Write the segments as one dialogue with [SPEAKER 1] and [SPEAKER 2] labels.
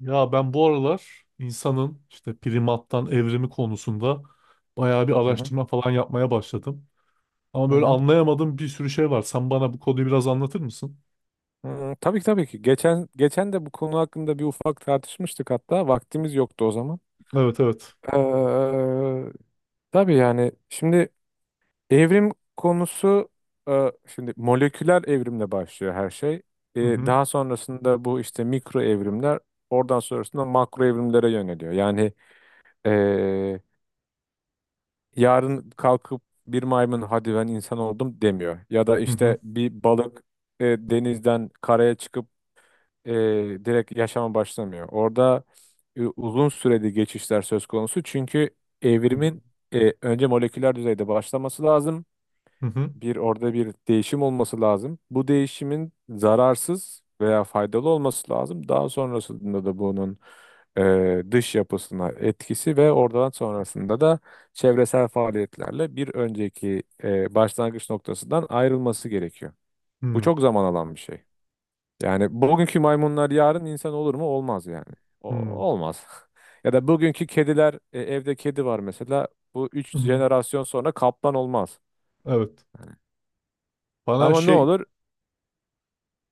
[SPEAKER 1] Ya ben bu aralar insanın işte primattan evrimi konusunda bayağı bir
[SPEAKER 2] Hı hı,
[SPEAKER 1] araştırma falan yapmaya başladım. Ama
[SPEAKER 2] hı
[SPEAKER 1] böyle
[SPEAKER 2] hı.
[SPEAKER 1] anlayamadığım bir sürü şey var. Sen bana bu konuyu biraz anlatır mısın?
[SPEAKER 2] Hı, tabii ki tabii ki. Geçen de bu konu hakkında bir ufak tartışmıştık hatta. Vaktimiz yoktu o zaman.
[SPEAKER 1] Evet, evet.
[SPEAKER 2] Ee, tabii yani şimdi evrim konusu, şimdi moleküler evrimle başlıyor her şey.
[SPEAKER 1] Hı
[SPEAKER 2] Ee,
[SPEAKER 1] hı.
[SPEAKER 2] daha sonrasında bu işte mikro evrimler oradan sonrasında makro evrimlere yöneliyor. Yani e, yarın kalkıp bir maymun, hadi ben insan oldum, demiyor. Ya da
[SPEAKER 1] Hı hı.
[SPEAKER 2] işte bir balık denizden karaya çıkıp e, direkt yaşama başlamıyor. Orada uzun süreli geçişler söz konusu. Çünkü
[SPEAKER 1] Hı hı.
[SPEAKER 2] evrimin önce moleküler düzeyde başlaması lazım.
[SPEAKER 1] Hı hı.
[SPEAKER 2] Bir orada bir değişim olması lazım. Bu değişimin zararsız veya faydalı olması lazım. Daha sonrasında da bunun dış yapısına etkisi ve oradan sonrasında da çevresel faaliyetlerle bir önceki başlangıç noktasından ayrılması gerekiyor. Bu
[SPEAKER 1] Hı
[SPEAKER 2] çok zaman alan bir şey. Yani bugünkü maymunlar yarın insan olur mu? Olmaz yani. O,
[SPEAKER 1] hı.
[SPEAKER 2] olmaz. Ya da bugünkü kediler, evde kedi var mesela. Bu üç
[SPEAKER 1] Hı hı.
[SPEAKER 2] jenerasyon sonra kaplan olmaz.
[SPEAKER 1] Evet. Bana
[SPEAKER 2] Ama ne
[SPEAKER 1] şey
[SPEAKER 2] olur?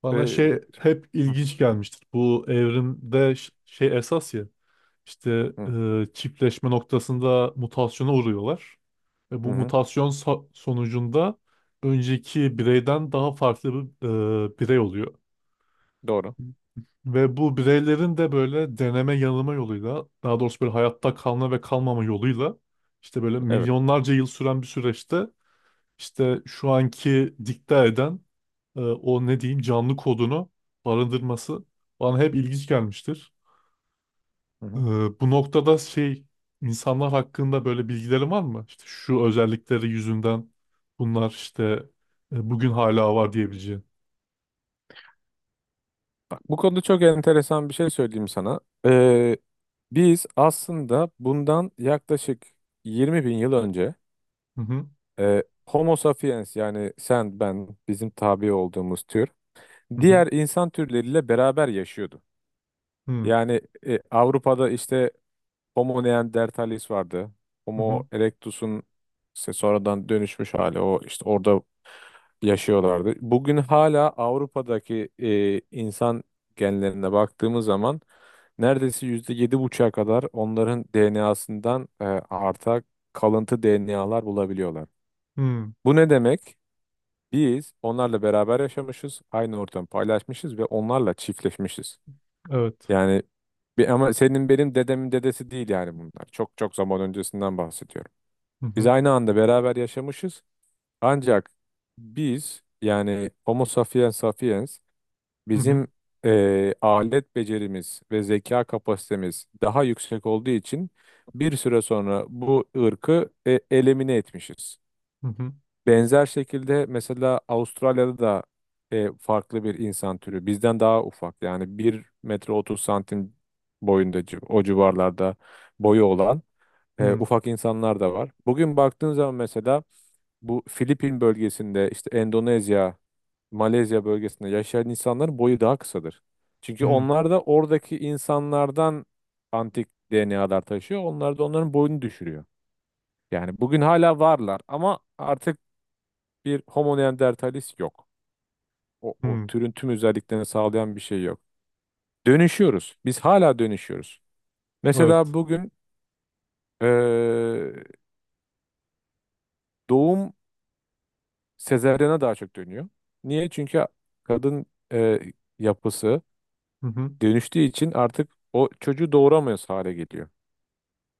[SPEAKER 1] bana
[SPEAKER 2] E,
[SPEAKER 1] şey hep
[SPEAKER 2] Hı
[SPEAKER 1] ilginç gelmiştir. Bu evrimde şey esas ya. İşte
[SPEAKER 2] hı,
[SPEAKER 1] çiftleşme noktasında mutasyona uğruyorlar. Ve
[SPEAKER 2] hı
[SPEAKER 1] bu
[SPEAKER 2] hı.
[SPEAKER 1] mutasyon sonucunda önceki bireyden daha farklı bir birey oluyor.
[SPEAKER 2] Doğru.
[SPEAKER 1] Ve bu bireylerin de böyle deneme yanılma yoluyla, daha doğrusu böyle hayatta kalma ve kalmama yoluyla işte böyle
[SPEAKER 2] Evet.
[SPEAKER 1] milyonlarca yıl süren bir süreçte işte şu anki dikte eden o ne diyeyim canlı kodunu barındırması bana hep ilginç gelmiştir.
[SPEAKER 2] Hı
[SPEAKER 1] Ee,
[SPEAKER 2] hı.
[SPEAKER 1] bu noktada şey insanlar hakkında böyle bilgilerin var mı? İşte şu özellikleri yüzünden bunlar işte bugün hala var diyebileceğin.
[SPEAKER 2] Bak, bu konuda çok enteresan bir şey söyleyeyim sana. E, Biz aslında bundan yaklaşık 20 bin yıl önce
[SPEAKER 1] Hı hı,
[SPEAKER 2] Homo sapiens, yani sen, ben, bizim tabi olduğumuz tür,
[SPEAKER 1] hı
[SPEAKER 2] diğer insan türleriyle beraber yaşıyorduk.
[SPEAKER 1] hı,
[SPEAKER 2] Yani Avrupa'da işte Homo neanderthalis vardı.
[SPEAKER 1] hı hı,
[SPEAKER 2] Homo erectus'un işte sonradan dönüşmüş hali. O işte orada yaşıyorlardı. Bugün hala Avrupa'daki insan genlerine baktığımız zaman neredeyse %7,5'a kadar onların DNA'sından arta kalıntı DNA'lar bulabiliyorlar.
[SPEAKER 1] hı hı.
[SPEAKER 2] Bu ne demek? Biz onlarla beraber yaşamışız, aynı ortamı paylaşmışız ve onlarla çiftleşmişiz.
[SPEAKER 1] Evet.
[SPEAKER 2] Yani bir, ama senin benim dedemin dedesi değil yani bunlar. Çok çok zaman öncesinden bahsediyorum.
[SPEAKER 1] Hı
[SPEAKER 2] Biz
[SPEAKER 1] hı,
[SPEAKER 2] aynı anda beraber yaşamışız. Ancak biz, yani Homo sapiens sapiens,
[SPEAKER 1] hı hı,
[SPEAKER 2] bizim alet becerimiz ve zeka kapasitemiz daha yüksek olduğu için bir süre sonra bu ırkı elimine etmişiz.
[SPEAKER 1] hı hı,
[SPEAKER 2] Benzer şekilde mesela Avustralya'da da farklı bir insan türü. Bizden daha ufak, yani 1 metre 30 santim boyunda, o civarlarda boyu olan
[SPEAKER 1] hı
[SPEAKER 2] ufak insanlar da var. Bugün baktığın zaman mesela bu Filipin bölgesinde, işte Endonezya, Malezya bölgesinde yaşayan insanların boyu daha kısadır. Çünkü
[SPEAKER 1] hı,
[SPEAKER 2] onlar da oradaki insanlardan antik DNA'lar taşıyor. Onlar da onların boyunu düşürüyor. Yani bugün hala varlar ama artık bir Homo neanderthalis yok. O
[SPEAKER 1] hı.
[SPEAKER 2] türün tüm özelliklerini sağlayan bir şey yok. Dönüşüyoruz. Biz hala dönüşüyoruz. Mesela
[SPEAKER 1] Evet.
[SPEAKER 2] bugün eee, doğum sezaryana daha çok dönüyor. Niye? Çünkü kadın eee, yapısı
[SPEAKER 1] Hı hı,
[SPEAKER 2] dönüştüğü için artık o çocuğu doğuramıyoruz hale geliyor.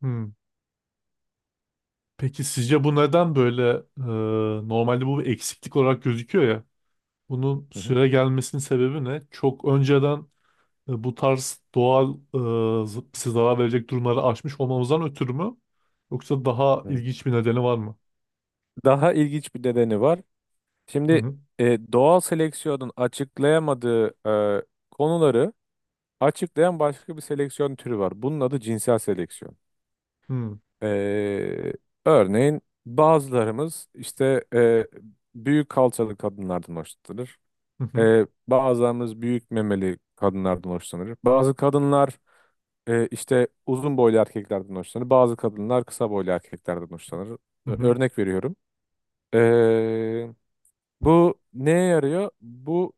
[SPEAKER 1] hı. Peki sizce bu neden böyle normalde bu bir eksiklik olarak gözüküyor ya? Bunun
[SPEAKER 2] Hı hı.
[SPEAKER 1] süre gelmesinin sebebi ne? Çok önceden bu tarz doğal bize zarar verecek durumları aşmış olmamızdan ötürü mü? Yoksa daha
[SPEAKER 2] Hı.
[SPEAKER 1] ilginç bir nedeni var mı?
[SPEAKER 2] Daha ilginç bir nedeni var.
[SPEAKER 1] Hı
[SPEAKER 2] Şimdi
[SPEAKER 1] hı.
[SPEAKER 2] doğal seleksiyonun açıklayamadığı e, konuları açıklayan başka bir seleksiyon türü var. Bunun adı cinsel seleksiyon.
[SPEAKER 1] Hı
[SPEAKER 2] E, Örneğin bazılarımız işte büyük kalçalı kadınlardan hoşlanır.
[SPEAKER 1] hı.
[SPEAKER 2] Bazılarımız büyük memeli kadınlardan hoşlanır. Bazı kadınlar işte uzun boylu erkeklerden hoşlanır. Bazı kadınlar kısa boylu erkeklerden hoşlanır.
[SPEAKER 1] Hı
[SPEAKER 2] Ö-
[SPEAKER 1] hı.
[SPEAKER 2] örnek veriyorum. E, Bu neye yarıyor? Bu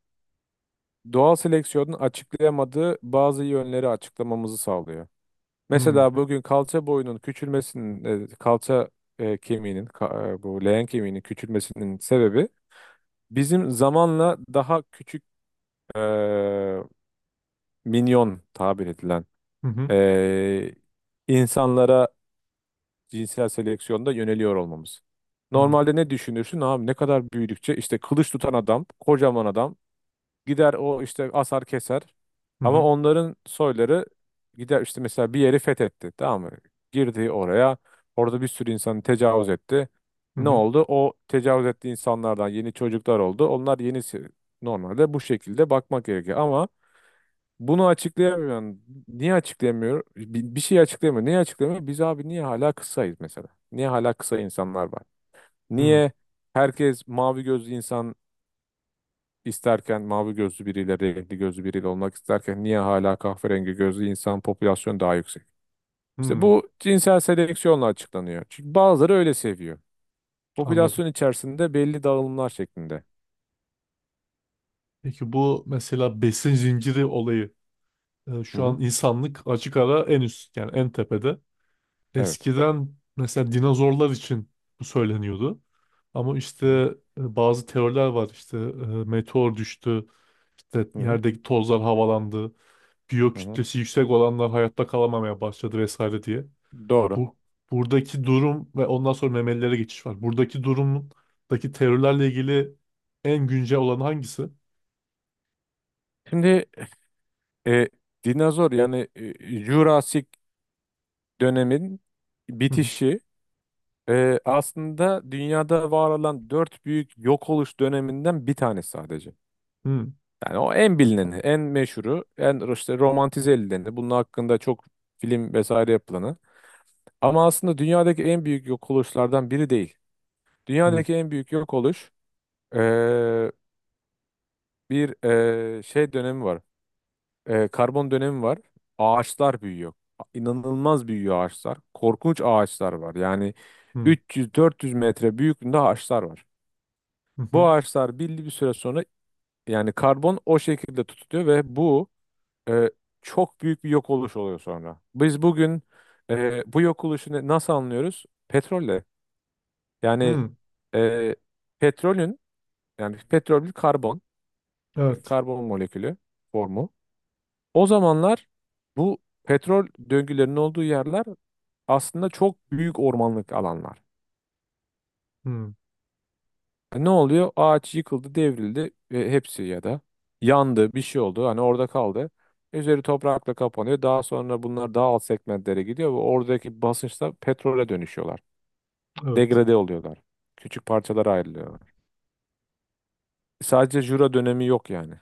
[SPEAKER 2] doğal seleksiyonun açıklayamadığı bazı yönleri açıklamamızı sağlıyor.
[SPEAKER 1] Hı hı.
[SPEAKER 2] Mesela bugün kalça boyunun küçülmesinin, kalça kemiğinin, bu leğen kemiğinin küçülmesinin sebebi bizim zamanla daha küçük, e, minyon tabir edilen
[SPEAKER 1] Hı hı.
[SPEAKER 2] e, insanlara cinsel seleksiyonda yöneliyor olmamız.
[SPEAKER 1] Hı hı.
[SPEAKER 2] Normalde ne düşünürsün abi, ne kadar büyüdükçe işte kılıç tutan adam, kocaman adam gider o işte asar keser. Ama onların soyları gider işte, mesela bir yeri fethetti, tamam mı? Girdi oraya. Orada bir sürü insanı tecavüz etti.
[SPEAKER 1] Hı
[SPEAKER 2] Ne
[SPEAKER 1] hı.
[SPEAKER 2] oldu? O tecavüz ettiği insanlardan yeni çocuklar oldu. Onlar yenisi, normalde bu şekilde bakmak gerekiyor. Ama bunu açıklayamıyor. Yani niye açıklayamıyor? Bir şey açıklayamıyor. Niye açıklayamıyor? Biz abi niye hala kısayız mesela? Niye hala kısa insanlar var?
[SPEAKER 1] Hı
[SPEAKER 2] Niye herkes mavi gözlü insan isterken, mavi gözlü biriyle, renkli gözlü biriyle olmak isterken niye hala kahverengi gözlü insan popülasyonu daha yüksek? İşte
[SPEAKER 1] hı.
[SPEAKER 2] bu cinsel seleksiyonla açıklanıyor. Çünkü bazıları öyle seviyor.
[SPEAKER 1] Anladım.
[SPEAKER 2] Popülasyon içerisinde belli dağılımlar şeklinde.
[SPEAKER 1] Peki bu mesela besin zinciri olayı,
[SPEAKER 2] Hı
[SPEAKER 1] şu
[SPEAKER 2] hı.
[SPEAKER 1] an insanlık açık ara en üst, yani en tepede.
[SPEAKER 2] Evet.
[SPEAKER 1] Eskiden mesela dinozorlar için bu söyleniyordu. Ama
[SPEAKER 2] Hı
[SPEAKER 1] işte
[SPEAKER 2] hı.
[SPEAKER 1] bazı teoriler var işte, meteor düştü, İşte
[SPEAKER 2] Hı hı.
[SPEAKER 1] yerdeki tozlar havalandı. Biyo
[SPEAKER 2] Hı hı.
[SPEAKER 1] kütlesi yüksek olanlar hayatta kalamamaya başladı vesaire diye.
[SPEAKER 2] Doğru.
[SPEAKER 1] Bu buradaki durum ve ondan sonra memelilere geçiş var. Buradaki durumdaki terörlerle ilgili en güncel olan hangisi?
[SPEAKER 2] Şimdi e, dinozor, yani Jurassic dönemin
[SPEAKER 1] Hı
[SPEAKER 2] bitişi aslında dünyada var olan dört büyük yok oluş döneminden bir tanesi sadece.
[SPEAKER 1] hı,
[SPEAKER 2] Yani o en bilineni, en meşhuru, en işte romantize edileni, bunun hakkında çok film vesaire yapılanı. Ama aslında dünyadaki en büyük yok oluşlardan biri değil.
[SPEAKER 1] hı, hı,
[SPEAKER 2] Dünyadaki en büyük yok oluş, eee, bir şey dönemi var. Karbon dönemi var. Ağaçlar büyüyor. İnanılmaz büyüyor ağaçlar. Korkunç ağaçlar var. Yani
[SPEAKER 1] hı,
[SPEAKER 2] 300-400 metre büyüklüğünde ağaçlar var.
[SPEAKER 1] hı, hı,
[SPEAKER 2] Bu ağaçlar belli bir süre sonra, yani karbon o şekilde tutuluyor ve bu e, çok büyük bir yok oluş oluyor sonra. Biz bugün bu yok oluşunu nasıl anlıyoruz? Petrolle. Yani
[SPEAKER 1] hı.
[SPEAKER 2] e, petrolün, yani petrol bir karbon,
[SPEAKER 1] Evet.
[SPEAKER 2] karbon molekülü formu. O zamanlar bu petrol döngülerinin olduğu yerler aslında çok büyük ormanlık alanlar.
[SPEAKER 1] Hı,
[SPEAKER 2] Ne oluyor? Ağaç yıkıldı, devrildi. Hepsi ya da yandı, bir şey oldu. Hani orada kaldı. Üzeri toprakla kapanıyor. Daha sonra bunlar daha alt segmentlere gidiyor ve oradaki basınçla petrole dönüşüyorlar.
[SPEAKER 1] evet.
[SPEAKER 2] Degrade oluyorlar. Küçük parçalara ayrılıyorlar. Sadece Jura dönemi yok yani.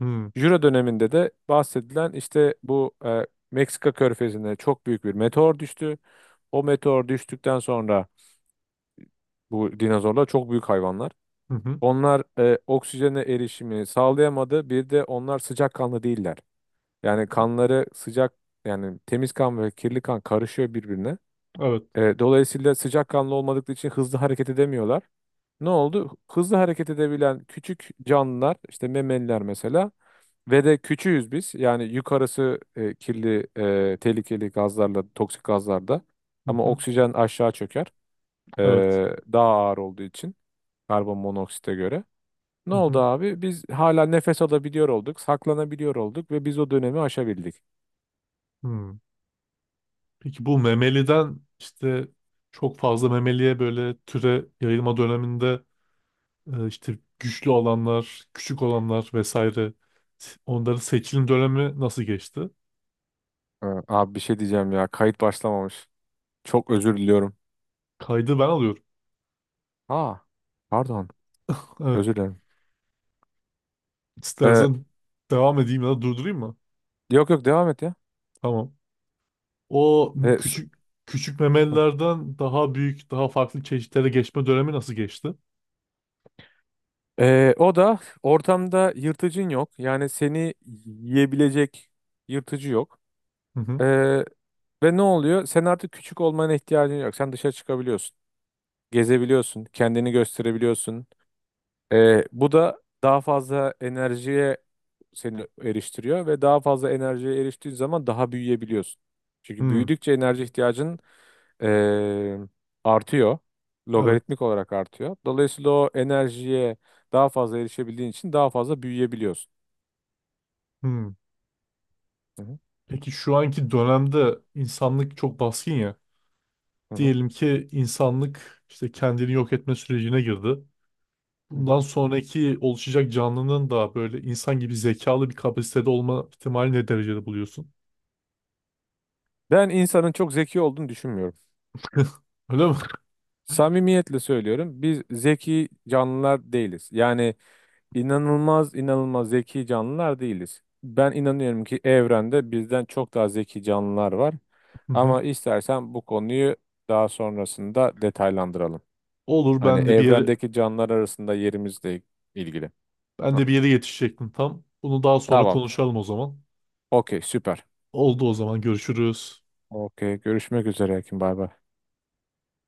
[SPEAKER 1] Hı,
[SPEAKER 2] Jura döneminde de bahsedilen işte bu Meksika körfezine çok büyük bir meteor düştü. O meteor düştükten sonra bu dinozorlar çok büyük hayvanlar.
[SPEAKER 1] hı, hı,
[SPEAKER 2] Onlar oksijene erişimi sağlayamadı. Bir de onlar sıcakkanlı değiller. Yani kanları sıcak, yani temiz kan ve kirli kan karışıyor birbirine.
[SPEAKER 1] evet.
[SPEAKER 2] Dolayısıyla sıcakkanlı olmadıkları için hızlı hareket edemiyorlar. Ne oldu? Hızlı hareket edebilen küçük canlılar, işte memeliler mesela, ve de küçüğüz biz. Yani yukarısı kirli, tehlikeli gazlarla, toksik gazlarda,
[SPEAKER 1] Hı,
[SPEAKER 2] ama
[SPEAKER 1] hı,
[SPEAKER 2] oksijen aşağı çöker. E,
[SPEAKER 1] evet.
[SPEAKER 2] Daha ağır olduğu için, karbon monoksite göre. Ne
[SPEAKER 1] Hı,
[SPEAKER 2] oldu
[SPEAKER 1] hı,
[SPEAKER 2] abi? Biz hala nefes alabiliyor olduk, saklanabiliyor olduk ve biz o dönemi aşabildik.
[SPEAKER 1] hı. Peki bu memeliden işte çok fazla memeliye böyle türe yayılma döneminde, işte güçlü olanlar, küçük olanlar vesaire. Onların seçilim dönemi nasıl geçti?
[SPEAKER 2] Ha, abi bir şey diyeceğim ya. Kayıt başlamamış. Çok özür diliyorum.
[SPEAKER 1] Kaydı ben alıyorum.
[SPEAKER 2] Aa, pardon.
[SPEAKER 1] Evet,
[SPEAKER 2] Özür dilerim. Ee,
[SPEAKER 1] istersen devam edeyim ya da durdurayım mı?
[SPEAKER 2] yok yok devam et ya.
[SPEAKER 1] Tamam. O
[SPEAKER 2] Ee, s-
[SPEAKER 1] küçük küçük
[SPEAKER 2] Hı.
[SPEAKER 1] memelilerden daha büyük, daha farklı çeşitlere geçme dönemi nasıl geçti?
[SPEAKER 2] O da ortamda yırtıcın yok. Yani seni yiyebilecek yırtıcı yok.
[SPEAKER 1] Hı
[SPEAKER 2] Ee,
[SPEAKER 1] hı.
[SPEAKER 2] ve ne oluyor? Sen artık küçük olmana ihtiyacın yok. Sen dışarı çıkabiliyorsun. Gezebiliyorsun. Kendini gösterebiliyorsun. Bu da daha fazla enerjiye seni eriştiriyor ve daha fazla enerjiye eriştiğin zaman daha büyüyebiliyorsun. Çünkü
[SPEAKER 1] Hı,
[SPEAKER 2] büyüdükçe enerji ihtiyacın ee, artıyor.
[SPEAKER 1] evet.
[SPEAKER 2] Logaritmik olarak artıyor. Dolayısıyla o enerjiye daha fazla erişebildiğin için daha fazla büyüyebiliyorsun.
[SPEAKER 1] Hı.
[SPEAKER 2] Hı hı,
[SPEAKER 1] Peki şu anki dönemde insanlık çok baskın ya.
[SPEAKER 2] hı hı,
[SPEAKER 1] Diyelim ki insanlık işte kendini yok etme sürecine girdi.
[SPEAKER 2] hı
[SPEAKER 1] Bundan
[SPEAKER 2] hı.
[SPEAKER 1] sonraki oluşacak canlının da böyle insan gibi zekalı bir kapasitede olma ihtimali ne derecede buluyorsun?
[SPEAKER 2] Ben insanın çok zeki olduğunu düşünmüyorum.
[SPEAKER 1] Öyle mi?
[SPEAKER 2] Samimiyetle söylüyorum. Biz zeki canlılar değiliz. Yani İnanılmaz inanılmaz zeki canlılar değiliz. Ben inanıyorum ki evrende bizden çok daha zeki canlılar var.
[SPEAKER 1] Hı hı.
[SPEAKER 2] Ama istersen bu konuyu daha sonrasında detaylandıralım.
[SPEAKER 1] Olur,
[SPEAKER 2] Hani
[SPEAKER 1] ben de bir yere
[SPEAKER 2] evrendeki canlılar arasında yerimizle ilgili.
[SPEAKER 1] ben
[SPEAKER 2] Hah,
[SPEAKER 1] de bir yere yetişecektim tam. Bunu daha sonra
[SPEAKER 2] tamam.
[SPEAKER 1] konuşalım o zaman.
[SPEAKER 2] Okey, süper.
[SPEAKER 1] Oldu, o zaman görüşürüz.
[SPEAKER 2] Okey, görüşmek üzere Ekin. Bay bay.